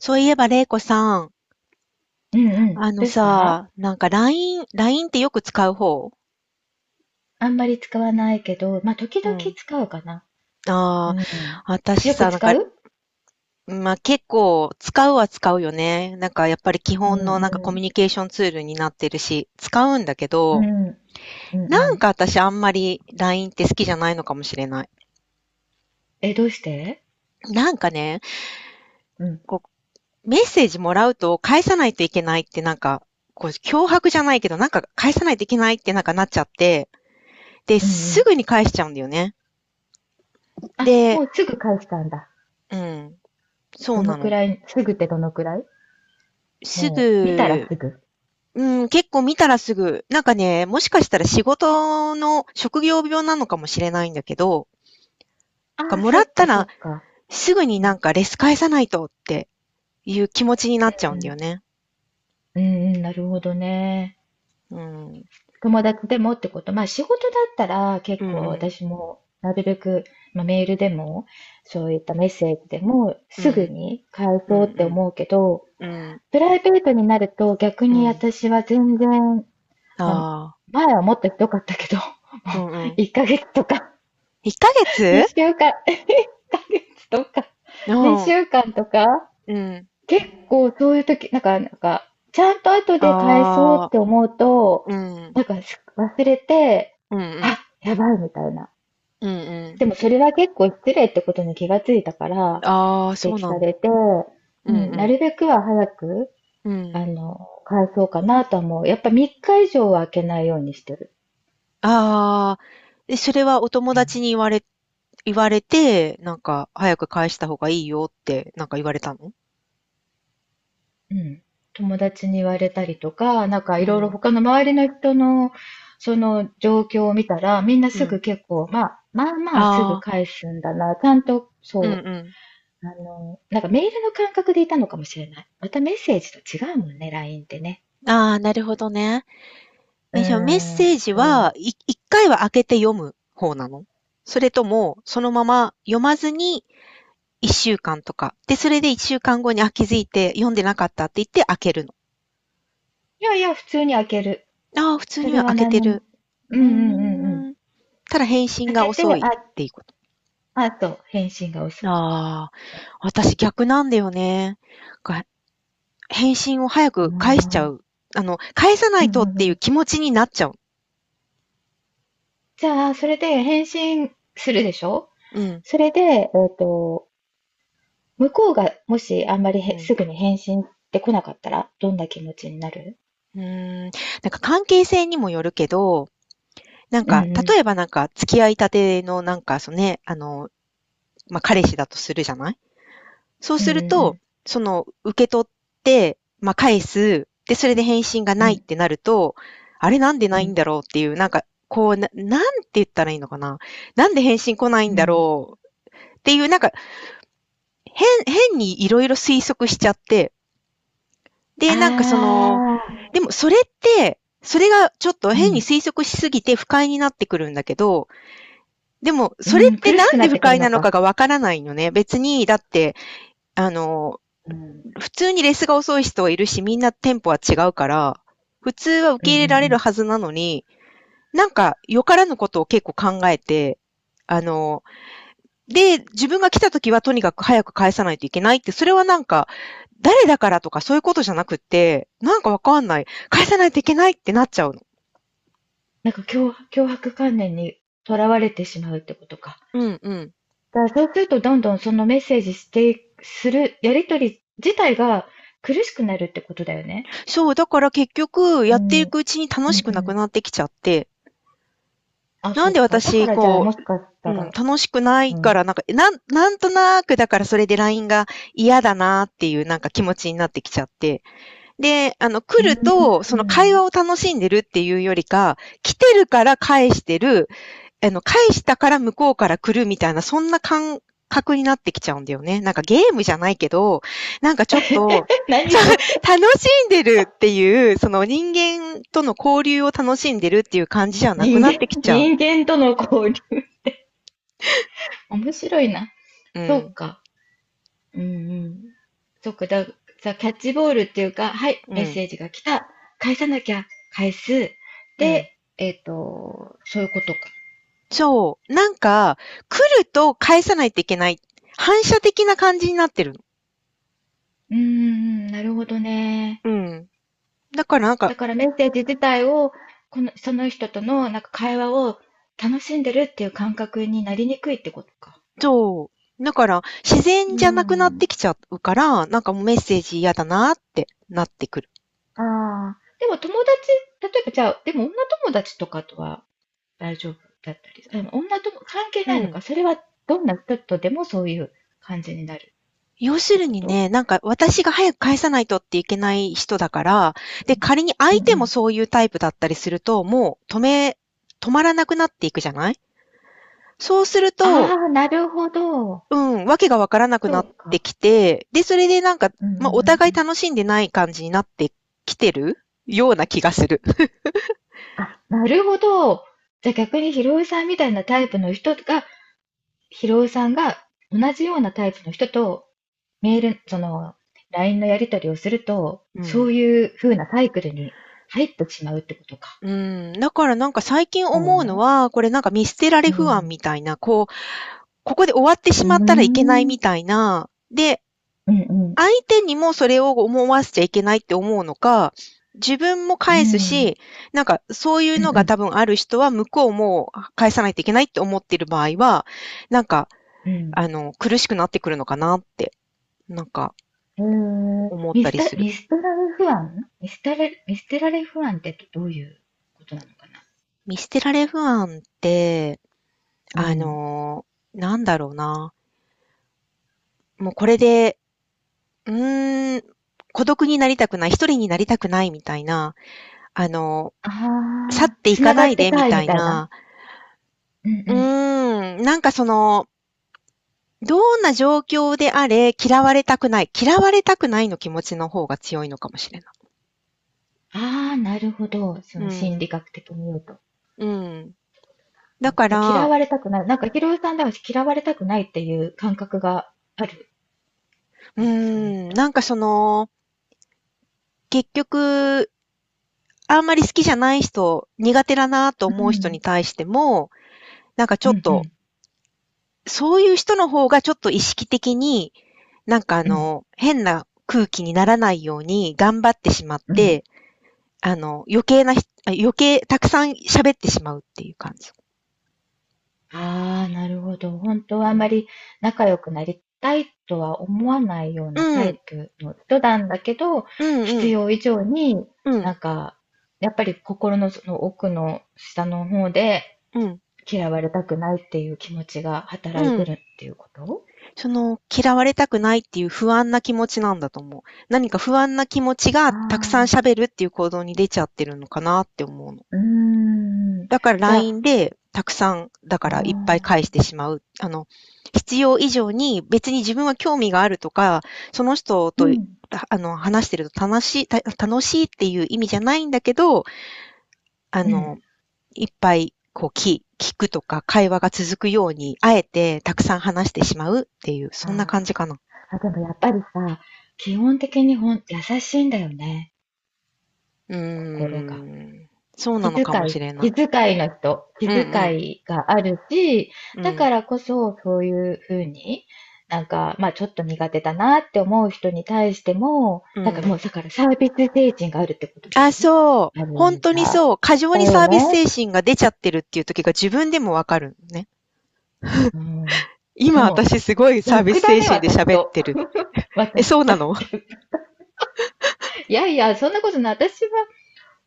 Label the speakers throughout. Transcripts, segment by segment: Speaker 1: そういえば、れいこさん、
Speaker 2: うんうん。
Speaker 1: あの
Speaker 2: どうし
Speaker 1: さ、
Speaker 2: た？
Speaker 1: なんか LINE、ラインってよく使う方？
Speaker 2: あんまり使わないけど、まあ、時
Speaker 1: う
Speaker 2: 々
Speaker 1: ん。
Speaker 2: 使うかな。う
Speaker 1: ああ、
Speaker 2: ん。
Speaker 1: 私
Speaker 2: よく
Speaker 1: さ、なん
Speaker 2: 使
Speaker 1: か、
Speaker 2: う？
Speaker 1: まあ、結構使うは使うよね。なんかやっぱり基
Speaker 2: う
Speaker 1: 本の
Speaker 2: ん
Speaker 1: なんかコミュ
Speaker 2: う
Speaker 1: ニケーションツールになってるし、使うんだけど、
Speaker 2: ん。うんうん
Speaker 1: なん
Speaker 2: う
Speaker 1: か私あんまり LINE って好きじゃないのかもしれない。
Speaker 2: ん。え、どうして？
Speaker 1: なんかね、
Speaker 2: うん
Speaker 1: こう、メッセージもらうと返さないといけないってなんか、こう、脅迫じゃないけど、なんか返さないといけないってなんかなっちゃって、で、
Speaker 2: うんう
Speaker 1: す
Speaker 2: ん。
Speaker 1: ぐに返しちゃうんだよね。
Speaker 2: あ、
Speaker 1: で、
Speaker 2: もうすぐ返したんだ。
Speaker 1: うん、そう
Speaker 2: ど
Speaker 1: な
Speaker 2: のく
Speaker 1: の。
Speaker 2: らい、すぐってどのくらい？
Speaker 1: す
Speaker 2: もう、見たら
Speaker 1: ぐ、
Speaker 2: すぐ。
Speaker 1: うん、結構見たらすぐ、なんかね、もしかしたら仕事の職業病なのかもしれないんだけど、
Speaker 2: あ
Speaker 1: が
Speaker 2: あ、
Speaker 1: も
Speaker 2: そ
Speaker 1: らっ
Speaker 2: っ
Speaker 1: た
Speaker 2: かそ
Speaker 1: ら
Speaker 2: っか。
Speaker 1: すぐに
Speaker 2: う
Speaker 1: な
Speaker 2: ん
Speaker 1: んかレス返さないとっていう気持ちになっちゃ
Speaker 2: う
Speaker 1: うんだよ
Speaker 2: ん。
Speaker 1: ね。
Speaker 2: うんうん、なるほどね。
Speaker 1: うん。
Speaker 2: 友達でもってこと？まあ仕事だったら
Speaker 1: う
Speaker 2: 結
Speaker 1: ん
Speaker 2: 構
Speaker 1: うん。
Speaker 2: 私もなるべく、まあ、メールでもそういったメッセージでも
Speaker 1: う
Speaker 2: すぐ
Speaker 1: ん。
Speaker 2: に返
Speaker 1: う
Speaker 2: そうって
Speaker 1: ん
Speaker 2: 思うけど、
Speaker 1: うん。うん。
Speaker 2: プライベートになると逆
Speaker 1: う
Speaker 2: に
Speaker 1: ん。
Speaker 2: 私は全然、
Speaker 1: あ
Speaker 2: まあ、
Speaker 1: あ。
Speaker 2: 前はもっとひどかったけど、も
Speaker 1: うんうんうんああうんうん
Speaker 2: う1ヶ月とか、
Speaker 1: 1ヶ月
Speaker 2: 2週間、1ヶ月とか、
Speaker 1: う
Speaker 2: 2
Speaker 1: ん。
Speaker 2: 週間とか、
Speaker 1: うん。
Speaker 2: 結構そういう時、ちゃんと後で返そうっ
Speaker 1: ああ。
Speaker 2: て思うと、
Speaker 1: うん。
Speaker 2: なんかし忘れて、
Speaker 1: うんうん。
Speaker 2: あ、やばいみたいな。
Speaker 1: うんうん。
Speaker 2: でもそれは結構失礼ってことに気がついたから、
Speaker 1: ああ、そう
Speaker 2: 指摘
Speaker 1: な
Speaker 2: さ
Speaker 1: ん
Speaker 2: れ
Speaker 1: だ。
Speaker 2: て、
Speaker 1: う
Speaker 2: う
Speaker 1: んう
Speaker 2: ん、な
Speaker 1: ん。
Speaker 2: るべくは早く、
Speaker 1: うん。
Speaker 2: あの、返そうかなとは思う。やっぱ3日以上は空けないようにしてる。
Speaker 1: ああ、え、それはお友達に言われて、なんか、早く返した方がいいよって、なんか言われたの？
Speaker 2: うん。友達に言われたりとか、なんか
Speaker 1: う
Speaker 2: いろいろ
Speaker 1: ん、
Speaker 2: 他の周りの人のその状況を見たら、みんな
Speaker 1: う
Speaker 2: すぐ
Speaker 1: ん。
Speaker 2: 結構、まあ、まあまあすぐ
Speaker 1: ああ、
Speaker 2: 返すんだな。ちゃんと、
Speaker 1: うん
Speaker 2: そ
Speaker 1: う
Speaker 2: う、なんかメールの感覚でいたのかもしれない。またメッセージと違うもんね、LINE ってね。
Speaker 1: ん。ああ、なるほどね。
Speaker 2: うー
Speaker 1: え、じゃあメッ
Speaker 2: ん、
Speaker 1: セージ
Speaker 2: そ
Speaker 1: は、
Speaker 2: う。
Speaker 1: 一回は開けて読む方なの？それとも、そのまま読まずに、一週間とか。で、それで一週間後に、あ、気づいて読んでなかったって言って開けるの。
Speaker 2: いやいや、普通に開ける。
Speaker 1: ああ、普通
Speaker 2: そ
Speaker 1: に
Speaker 2: れ
Speaker 1: は開
Speaker 2: は
Speaker 1: け
Speaker 2: 何
Speaker 1: て
Speaker 2: にも。
Speaker 1: る。
Speaker 2: うん
Speaker 1: う
Speaker 2: うんうんうん。
Speaker 1: ーん。ただ返信
Speaker 2: 開
Speaker 1: が
Speaker 2: けて、
Speaker 1: 遅いっていうこと。
Speaker 2: あ、あと、返信が遅い。
Speaker 1: ああ。私逆なんだよね。が、返信を早く返しちゃ
Speaker 2: まあ、
Speaker 1: う。あの、返さな
Speaker 2: うん
Speaker 1: いとっ
Speaker 2: うんう
Speaker 1: ていう
Speaker 2: ん。
Speaker 1: 気持ちになっちゃう。
Speaker 2: じゃあ、それで返信するでしょ？
Speaker 1: うん。
Speaker 2: それで、向こうがもしあんまり
Speaker 1: う
Speaker 2: へ
Speaker 1: ん。
Speaker 2: すぐに返信って来なかったら、どんな気持ちになる？
Speaker 1: うーん。なんか関係性にもよるけど、なん
Speaker 2: う
Speaker 1: か、
Speaker 2: んう
Speaker 1: 例えばなんか付き合いたてのなんか、そのね、あの、まあ、彼氏だとするじゃない？そう
Speaker 2: ん。うん
Speaker 1: すると、
Speaker 2: う
Speaker 1: その、受け取って、まあ、返す。で、それで返信が
Speaker 2: んう
Speaker 1: な
Speaker 2: ん。
Speaker 1: い
Speaker 2: う
Speaker 1: っ
Speaker 2: ん
Speaker 1: てなると、あれなんで
Speaker 2: う
Speaker 1: ないん
Speaker 2: ん
Speaker 1: だろうっていう、なんか、こう、なんて言ったらいいのかな。なんで返信来ない
Speaker 2: う
Speaker 1: んだ
Speaker 2: ん。
Speaker 1: ろうっていう、なんか、変にいろいろ推測しちゃって、
Speaker 2: あ
Speaker 1: で、なんかその、
Speaker 2: あ、
Speaker 1: でもそれって、それがちょっと
Speaker 2: う
Speaker 1: 変に
Speaker 2: ん。
Speaker 1: 推測しすぎて不快になってくるんだけど、でも
Speaker 2: う
Speaker 1: それっ
Speaker 2: ん、
Speaker 1: て
Speaker 2: 苦
Speaker 1: なん
Speaker 2: しくな
Speaker 1: で
Speaker 2: っ
Speaker 1: 不
Speaker 2: てくる
Speaker 1: 快な
Speaker 2: の
Speaker 1: のか
Speaker 2: か。
Speaker 1: がわからないのね。別に、だって、あの、
Speaker 2: うん。
Speaker 1: 普通にレスが遅い人はいるし、みんなテンポは違うから、普通は受
Speaker 2: うん
Speaker 1: け
Speaker 2: う
Speaker 1: 入
Speaker 2: んう
Speaker 1: れられる
Speaker 2: ん。
Speaker 1: はずなのに、なんかよからぬことを結構考えて、あの、で、自分が来た時はとにかく早く返さないといけないって、それはなんか、誰だからとかそういうことじゃなくって、なんかわかんない。返さないといけないってなっちゃうの。
Speaker 2: 脅迫観念にとらわれてしまうってことか。
Speaker 1: うんうん。
Speaker 2: だからそうするとどんどんそのメッセージしていく、する、やりとり自体が苦しくなるってことだよね。
Speaker 1: そう、だから結局、
Speaker 2: う
Speaker 1: やってい
Speaker 2: ん、うん
Speaker 1: くうちに
Speaker 2: う
Speaker 1: 楽しくなく
Speaker 2: ん。
Speaker 1: なってきちゃって、
Speaker 2: あ、
Speaker 1: なん
Speaker 2: そ
Speaker 1: で
Speaker 2: っか。だか
Speaker 1: 私、
Speaker 2: らじゃあ
Speaker 1: こ
Speaker 2: もし
Speaker 1: う、
Speaker 2: かし
Speaker 1: う
Speaker 2: た
Speaker 1: ん、
Speaker 2: ら、
Speaker 1: 楽しくない
Speaker 2: う
Speaker 1: か
Speaker 2: ん。
Speaker 1: ら、なんか、なんとなく、だからそれで LINE が嫌だなっていうなんか気持ちになってきちゃって。で、あの、来
Speaker 2: う
Speaker 1: る
Speaker 2: ー
Speaker 1: と、その会話
Speaker 2: ん。
Speaker 1: を楽しんでるっていうよりか、来てるから返してる、あの、返したから向こうから来るみたいな、そんな感覚になってきちゃうんだよね。なんかゲームじゃないけど、なんかちょっと
Speaker 2: 何それ？
Speaker 1: 楽しんでるっていう、その人間との交流を楽しんでるっていう感じじゃなく
Speaker 2: 人
Speaker 1: なっ
Speaker 2: 間、
Speaker 1: てきちゃう。
Speaker 2: 人間との交流。面白いな。
Speaker 1: う
Speaker 2: そう
Speaker 1: ん、
Speaker 2: か。うんうん。そうか。キャッチボールっていうか、はい、
Speaker 1: う
Speaker 2: メッセ
Speaker 1: ん、
Speaker 2: ージが来た。返さなきゃ。返す。
Speaker 1: う
Speaker 2: で、
Speaker 1: ん。
Speaker 2: そういうことか。
Speaker 1: そう。なんか、来ると返さないといけない。反射的な感じになってるの。
Speaker 2: うーん、なるほどね。
Speaker 1: うん。だからなんか、
Speaker 2: だからメッセージ自体を、その人とのなんか会話を楽しんでるっていう感覚になりにくいってことか。
Speaker 1: そう。だから、自然
Speaker 2: う
Speaker 1: じゃなくなって
Speaker 2: ん。
Speaker 1: きちゃうから、なんかもうメッセージ嫌だなってなってくる。
Speaker 2: ああ、でも友達、例えばじゃあ、でも女友達とかとは大丈夫だったり、でも女とも関係
Speaker 1: う
Speaker 2: ないの
Speaker 1: ん。
Speaker 2: か、それはどんな人とでもそういう感じになるっ
Speaker 1: 要す
Speaker 2: て
Speaker 1: る
Speaker 2: こ
Speaker 1: に
Speaker 2: と？
Speaker 1: ね、なんか私が早く返さないとっていけない人だから、で、仮に
Speaker 2: う
Speaker 1: 相
Speaker 2: んう
Speaker 1: 手も
Speaker 2: ん。
Speaker 1: そういうタイプだったりすると、もう止め、止まらなくなっていくじゃない？そうすると、
Speaker 2: ああ、なるほど。
Speaker 1: うん、わけがわからなく
Speaker 2: そ
Speaker 1: なっ
Speaker 2: う
Speaker 1: て
Speaker 2: か。
Speaker 1: きて、で、それでなんか、
Speaker 2: うんう
Speaker 1: まあ、お
Speaker 2: んう
Speaker 1: 互い
Speaker 2: ん。
Speaker 1: 楽しんでない感じになってきてるような気がする。
Speaker 2: あ、なるほど。じゃあ逆にひろゆさんみたいなタイプの人が、ひろゆさんが同じようなタイプの人とメール、その LINE のやり取りをすると、
Speaker 1: う
Speaker 2: そ
Speaker 1: ん。
Speaker 2: ういう風なサイクルに入ってしまうってことか。
Speaker 1: うん。だからなんか最近
Speaker 2: だよ
Speaker 1: 思うの
Speaker 2: ね。
Speaker 1: は、これなんか見捨てられ
Speaker 2: う
Speaker 1: 不安
Speaker 2: ん。
Speaker 1: みたいな、こう、ここで終わって
Speaker 2: う
Speaker 1: し
Speaker 2: ー
Speaker 1: まったらいけないみ
Speaker 2: ん。
Speaker 1: たいな、で、
Speaker 2: うんうん。
Speaker 1: 相手にもそれを思わせちゃいけないって思うのか、自分も
Speaker 2: う
Speaker 1: 返す
Speaker 2: ん。
Speaker 1: し、なんかそういう
Speaker 2: うん
Speaker 1: のが
Speaker 2: う
Speaker 1: 多分ある人は向こうも返さないといけないって思っている場合は、なんか、
Speaker 2: ん。
Speaker 1: あの、苦しくなってくるのかなって、なんか
Speaker 2: うん。
Speaker 1: 思ったりする。
Speaker 2: 見捨てられ不安ミステラれ、見捨てら不安ってどういうことなのかな？
Speaker 1: 見捨てられ不安って、
Speaker 2: う
Speaker 1: あ
Speaker 2: ん。
Speaker 1: の、なんだろうな。もうこれで、うーん、孤独になりたくない、一人になりたくないみたいな、あの、
Speaker 2: あ
Speaker 1: 去っ
Speaker 2: あ、
Speaker 1: てい
Speaker 2: つ
Speaker 1: か
Speaker 2: なが
Speaker 1: な
Speaker 2: っ
Speaker 1: い
Speaker 2: て
Speaker 1: でみ
Speaker 2: たい
Speaker 1: た
Speaker 2: み
Speaker 1: い
Speaker 2: たいな。
Speaker 1: な、
Speaker 2: うん
Speaker 1: う
Speaker 2: うん。
Speaker 1: ーん、なんかその、どんな状況であれ、嫌われたくない。嫌われたくないの気持ちの方が強いのかもしれない。
Speaker 2: ああ、なるほど。そ
Speaker 1: う
Speaker 2: の
Speaker 1: ん、
Speaker 2: 心理学的に言うと。
Speaker 1: うん。だか
Speaker 2: 嫌
Speaker 1: ら、
Speaker 2: われたくない。なんか、ヒロさんでは嫌われたくないっていう感覚がある。
Speaker 1: うー
Speaker 2: なんかそういっ
Speaker 1: ん、
Speaker 2: た。
Speaker 1: なんかその、結局、あんまり好きじゃない人、苦手だなと
Speaker 2: う
Speaker 1: 思う人に
Speaker 2: ん。
Speaker 1: 対しても、なんかち
Speaker 2: う
Speaker 1: ょっ
Speaker 2: んう
Speaker 1: と、
Speaker 2: ん。
Speaker 1: そういう人の方がちょっと意識的に、なんかあ
Speaker 2: うん。
Speaker 1: の、変な空気にならないように頑張ってしまっ
Speaker 2: うん。
Speaker 1: て、あの、余計なひあ、余計たくさん喋ってしまうっていう感じ。
Speaker 2: ああ、なるほど。本当
Speaker 1: う
Speaker 2: はあま
Speaker 1: ん、
Speaker 2: り仲良くなりたいとは思わないような
Speaker 1: う
Speaker 2: タイ
Speaker 1: ん、
Speaker 2: プの人なんだけど、
Speaker 1: うん、う
Speaker 2: 必
Speaker 1: ん、
Speaker 2: 要以上になんか、やっぱり心のその奥の下の方で
Speaker 1: うん、
Speaker 2: 嫌われたくないっていう気持ちが働い
Speaker 1: う
Speaker 2: てる
Speaker 1: ん。
Speaker 2: っていうこと？
Speaker 1: その、嫌われたくないっていう不安な気持ちなんだと思う。何か不安な気持ちが
Speaker 2: あ
Speaker 1: たくさん
Speaker 2: あ、
Speaker 1: 喋るっていう行動に出ちゃってるのかなって思うの。
Speaker 2: うーん。
Speaker 1: だから
Speaker 2: じゃあ、
Speaker 1: LINE でたくさん、だ
Speaker 2: う
Speaker 1: か
Speaker 2: ー
Speaker 1: らいっぱい返
Speaker 2: ん。
Speaker 1: してしまう。あの、必要以上に別に自分は興味があるとか、その人
Speaker 2: う
Speaker 1: と
Speaker 2: ん、
Speaker 1: あの、話してると楽しい、楽しいっていう意味じゃないんだけど、あ
Speaker 2: うん。
Speaker 1: の、いっぱいこう聞くとか会話が続くように、あえてたくさん話してしまうっていう、そんな感じか
Speaker 2: あ
Speaker 1: な。
Speaker 2: ーあ、でもやっぱりさ、基本的に優しいんだよね、
Speaker 1: うー
Speaker 2: 心が。
Speaker 1: ん。そうな
Speaker 2: 気
Speaker 1: の
Speaker 2: 遣
Speaker 1: かもしれない。
Speaker 2: 気遣いの人、気
Speaker 1: う
Speaker 2: 遣
Speaker 1: ん
Speaker 2: いがあるし、
Speaker 1: う
Speaker 2: だ
Speaker 1: ん。
Speaker 2: からこそそういうふうに、なんか、まあちょっと苦手だなって思う人に対しても、
Speaker 1: うん。う
Speaker 2: なんかも
Speaker 1: ん。
Speaker 2: うだからサービス精神があるってことで
Speaker 1: あ、
Speaker 2: しょ？
Speaker 1: そう。
Speaker 2: ある意
Speaker 1: 本
Speaker 2: 味
Speaker 1: 当に
Speaker 2: さ。
Speaker 1: そう。過剰
Speaker 2: だ
Speaker 1: に
Speaker 2: よ
Speaker 1: サービス
Speaker 2: ね。
Speaker 1: 精神が出ちゃってるっていう時が自分でもわかるね。
Speaker 2: うん。
Speaker 1: 今
Speaker 2: も
Speaker 1: 私すごい
Speaker 2: う、
Speaker 1: サービス
Speaker 2: 楽だ
Speaker 1: 精
Speaker 2: ね、
Speaker 1: 神で
Speaker 2: 私
Speaker 1: 喋っ
Speaker 2: と。
Speaker 1: てる。
Speaker 2: 私。
Speaker 1: え、そうなの？
Speaker 2: いやいや、そんなことない。私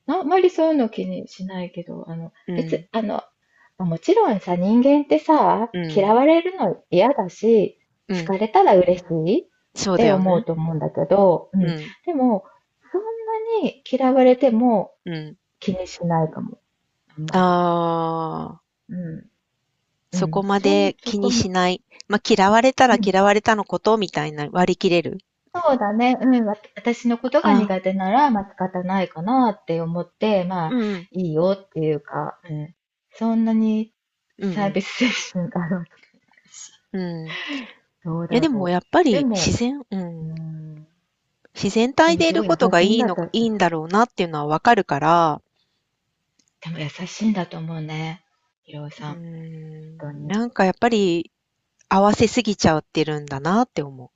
Speaker 2: はあんまりそういうの気にしないけど、あの、
Speaker 1: うん。
Speaker 2: 別、あの、もちろんさ、人間ってさ、
Speaker 1: うん。
Speaker 2: 嫌われるの嫌だし、
Speaker 1: う
Speaker 2: 好
Speaker 1: ん。
Speaker 2: かれたら嬉しいっ
Speaker 1: そうだ
Speaker 2: て
Speaker 1: よ
Speaker 2: 思う
Speaker 1: ね。
Speaker 2: と思うんだけど、う
Speaker 1: う
Speaker 2: ん。
Speaker 1: ん。
Speaker 2: でも、そんなに嫌われても
Speaker 1: うん。
Speaker 2: 気にしないかも、あん
Speaker 1: あ
Speaker 2: まり。
Speaker 1: あ。
Speaker 2: うん。う
Speaker 1: そこ
Speaker 2: ん。
Speaker 1: ま
Speaker 2: そん、
Speaker 1: で
Speaker 2: そ
Speaker 1: 気
Speaker 2: こ
Speaker 1: にし
Speaker 2: ま、
Speaker 1: ない。まあ、嫌われたら
Speaker 2: うん。
Speaker 1: 嫌われたのことみたいな割り切れる。
Speaker 2: そうだね。うん。私のことが
Speaker 1: あ、
Speaker 2: 苦手なら、まあ、仕方ないかなって思って、ま
Speaker 1: う
Speaker 2: あ、
Speaker 1: ん
Speaker 2: いいよっていうか、うん。そんなに
Speaker 1: うん、
Speaker 2: サ
Speaker 1: う
Speaker 2: ー
Speaker 1: ん
Speaker 2: ビス精神があるわけだし、
Speaker 1: うん、うん。い
Speaker 2: どう
Speaker 1: や、
Speaker 2: だ
Speaker 1: でも
Speaker 2: ろ
Speaker 1: やっぱ
Speaker 2: う。で
Speaker 1: り自
Speaker 2: も、
Speaker 1: 然、う
Speaker 2: う
Speaker 1: ん、
Speaker 2: ん。
Speaker 1: 自然
Speaker 2: で
Speaker 1: 体
Speaker 2: も
Speaker 1: でい
Speaker 2: す
Speaker 1: る
Speaker 2: ごい優
Speaker 1: こ
Speaker 2: し
Speaker 1: とが
Speaker 2: い
Speaker 1: い
Speaker 2: ん
Speaker 1: い
Speaker 2: だ
Speaker 1: の、
Speaker 2: と、
Speaker 1: いいんだろうなっていうのはわかるから、
Speaker 2: でも優しいんだと思うね。ひろお
Speaker 1: う
Speaker 2: さ
Speaker 1: ー
Speaker 2: ん、本当
Speaker 1: ん、
Speaker 2: に。
Speaker 1: なんかやっぱり合わせすぎちゃってるんだなって思う。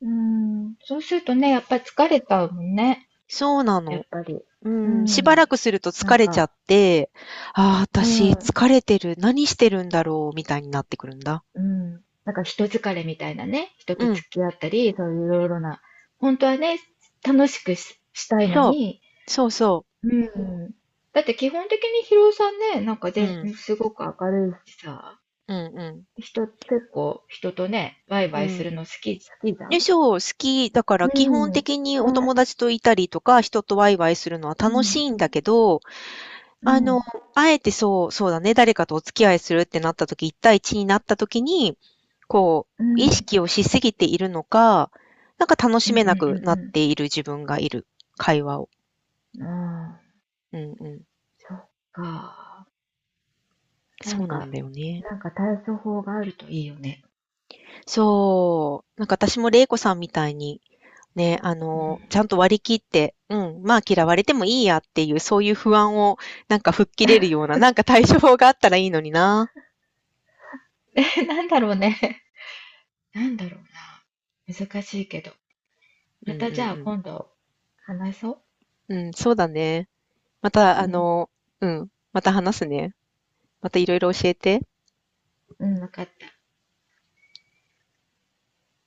Speaker 2: うん。そうするとね、やっぱ疲れたもんね。
Speaker 1: そうな
Speaker 2: やっ
Speaker 1: の。
Speaker 2: ぱり。
Speaker 1: う
Speaker 2: う
Speaker 1: ん、しばら
Speaker 2: ん。
Speaker 1: くすると
Speaker 2: なん
Speaker 1: 疲れちゃ
Speaker 2: か、
Speaker 1: って、ああ、
Speaker 2: う
Speaker 1: 私
Speaker 2: ん。
Speaker 1: 疲れてる、何してるんだろう、みたいになってくるんだ。
Speaker 2: うん。なんか人疲れみたいなね、人
Speaker 1: う
Speaker 2: と付
Speaker 1: ん、
Speaker 2: き合ったり、そういういろいろな、本当はね、楽しくし、したいの
Speaker 1: そう、
Speaker 2: に、
Speaker 1: そうそう。
Speaker 2: うん。だって基本的にヒロさんね、なんか
Speaker 1: う
Speaker 2: 全
Speaker 1: ん、
Speaker 2: すごく明るいしさ、
Speaker 1: うん、
Speaker 2: 結構人とね、ワイ
Speaker 1: う
Speaker 2: ワ
Speaker 1: ん、
Speaker 2: イ
Speaker 1: う
Speaker 2: する
Speaker 1: ん。
Speaker 2: の好きじゃ
Speaker 1: で
Speaker 2: ん？
Speaker 1: しょう、好きだから
Speaker 2: う
Speaker 1: 基本
Speaker 2: ん。ね、
Speaker 1: 的にお友達といたりとか、人とワイワイするのは
Speaker 2: う
Speaker 1: 楽し
Speaker 2: ん、
Speaker 1: いんだけど、
Speaker 2: う
Speaker 1: あ
Speaker 2: ん、う
Speaker 1: の、
Speaker 2: ん、
Speaker 1: あえてそう、そうだね、誰かとお付き合いするってなった時、一対一になった時に、こ
Speaker 2: う
Speaker 1: う、意
Speaker 2: ん、う
Speaker 1: 識をしすぎているのか、なんか楽し
Speaker 2: ん、
Speaker 1: めなくなっ
Speaker 2: う
Speaker 1: ている自分がいる、会話を。
Speaker 2: ん、うん。ああ、
Speaker 1: うんうん。
Speaker 2: そっか。なん
Speaker 1: そうな
Speaker 2: か、
Speaker 1: んだよね。
Speaker 2: なんか対処法があるといいよね。
Speaker 1: そう。なんか私も玲子さんみたいに、ね、あ
Speaker 2: うん。
Speaker 1: の、ちゃんと割り切って、うん、まあ嫌われてもいいやっていう、そういう不安をなんか吹っ切れるような、なんか対処法があったらいいのにな。
Speaker 2: なんだろうね。なんだろうな。難しいけど。
Speaker 1: う
Speaker 2: ま
Speaker 1: ん
Speaker 2: たじゃあ
Speaker 1: うん
Speaker 2: 今度話そ
Speaker 1: うん。うん、そうだね。また、
Speaker 2: う。う
Speaker 1: あ
Speaker 2: ん。
Speaker 1: の、うん、また話すね。またいろいろ教えて。
Speaker 2: うん、わかった。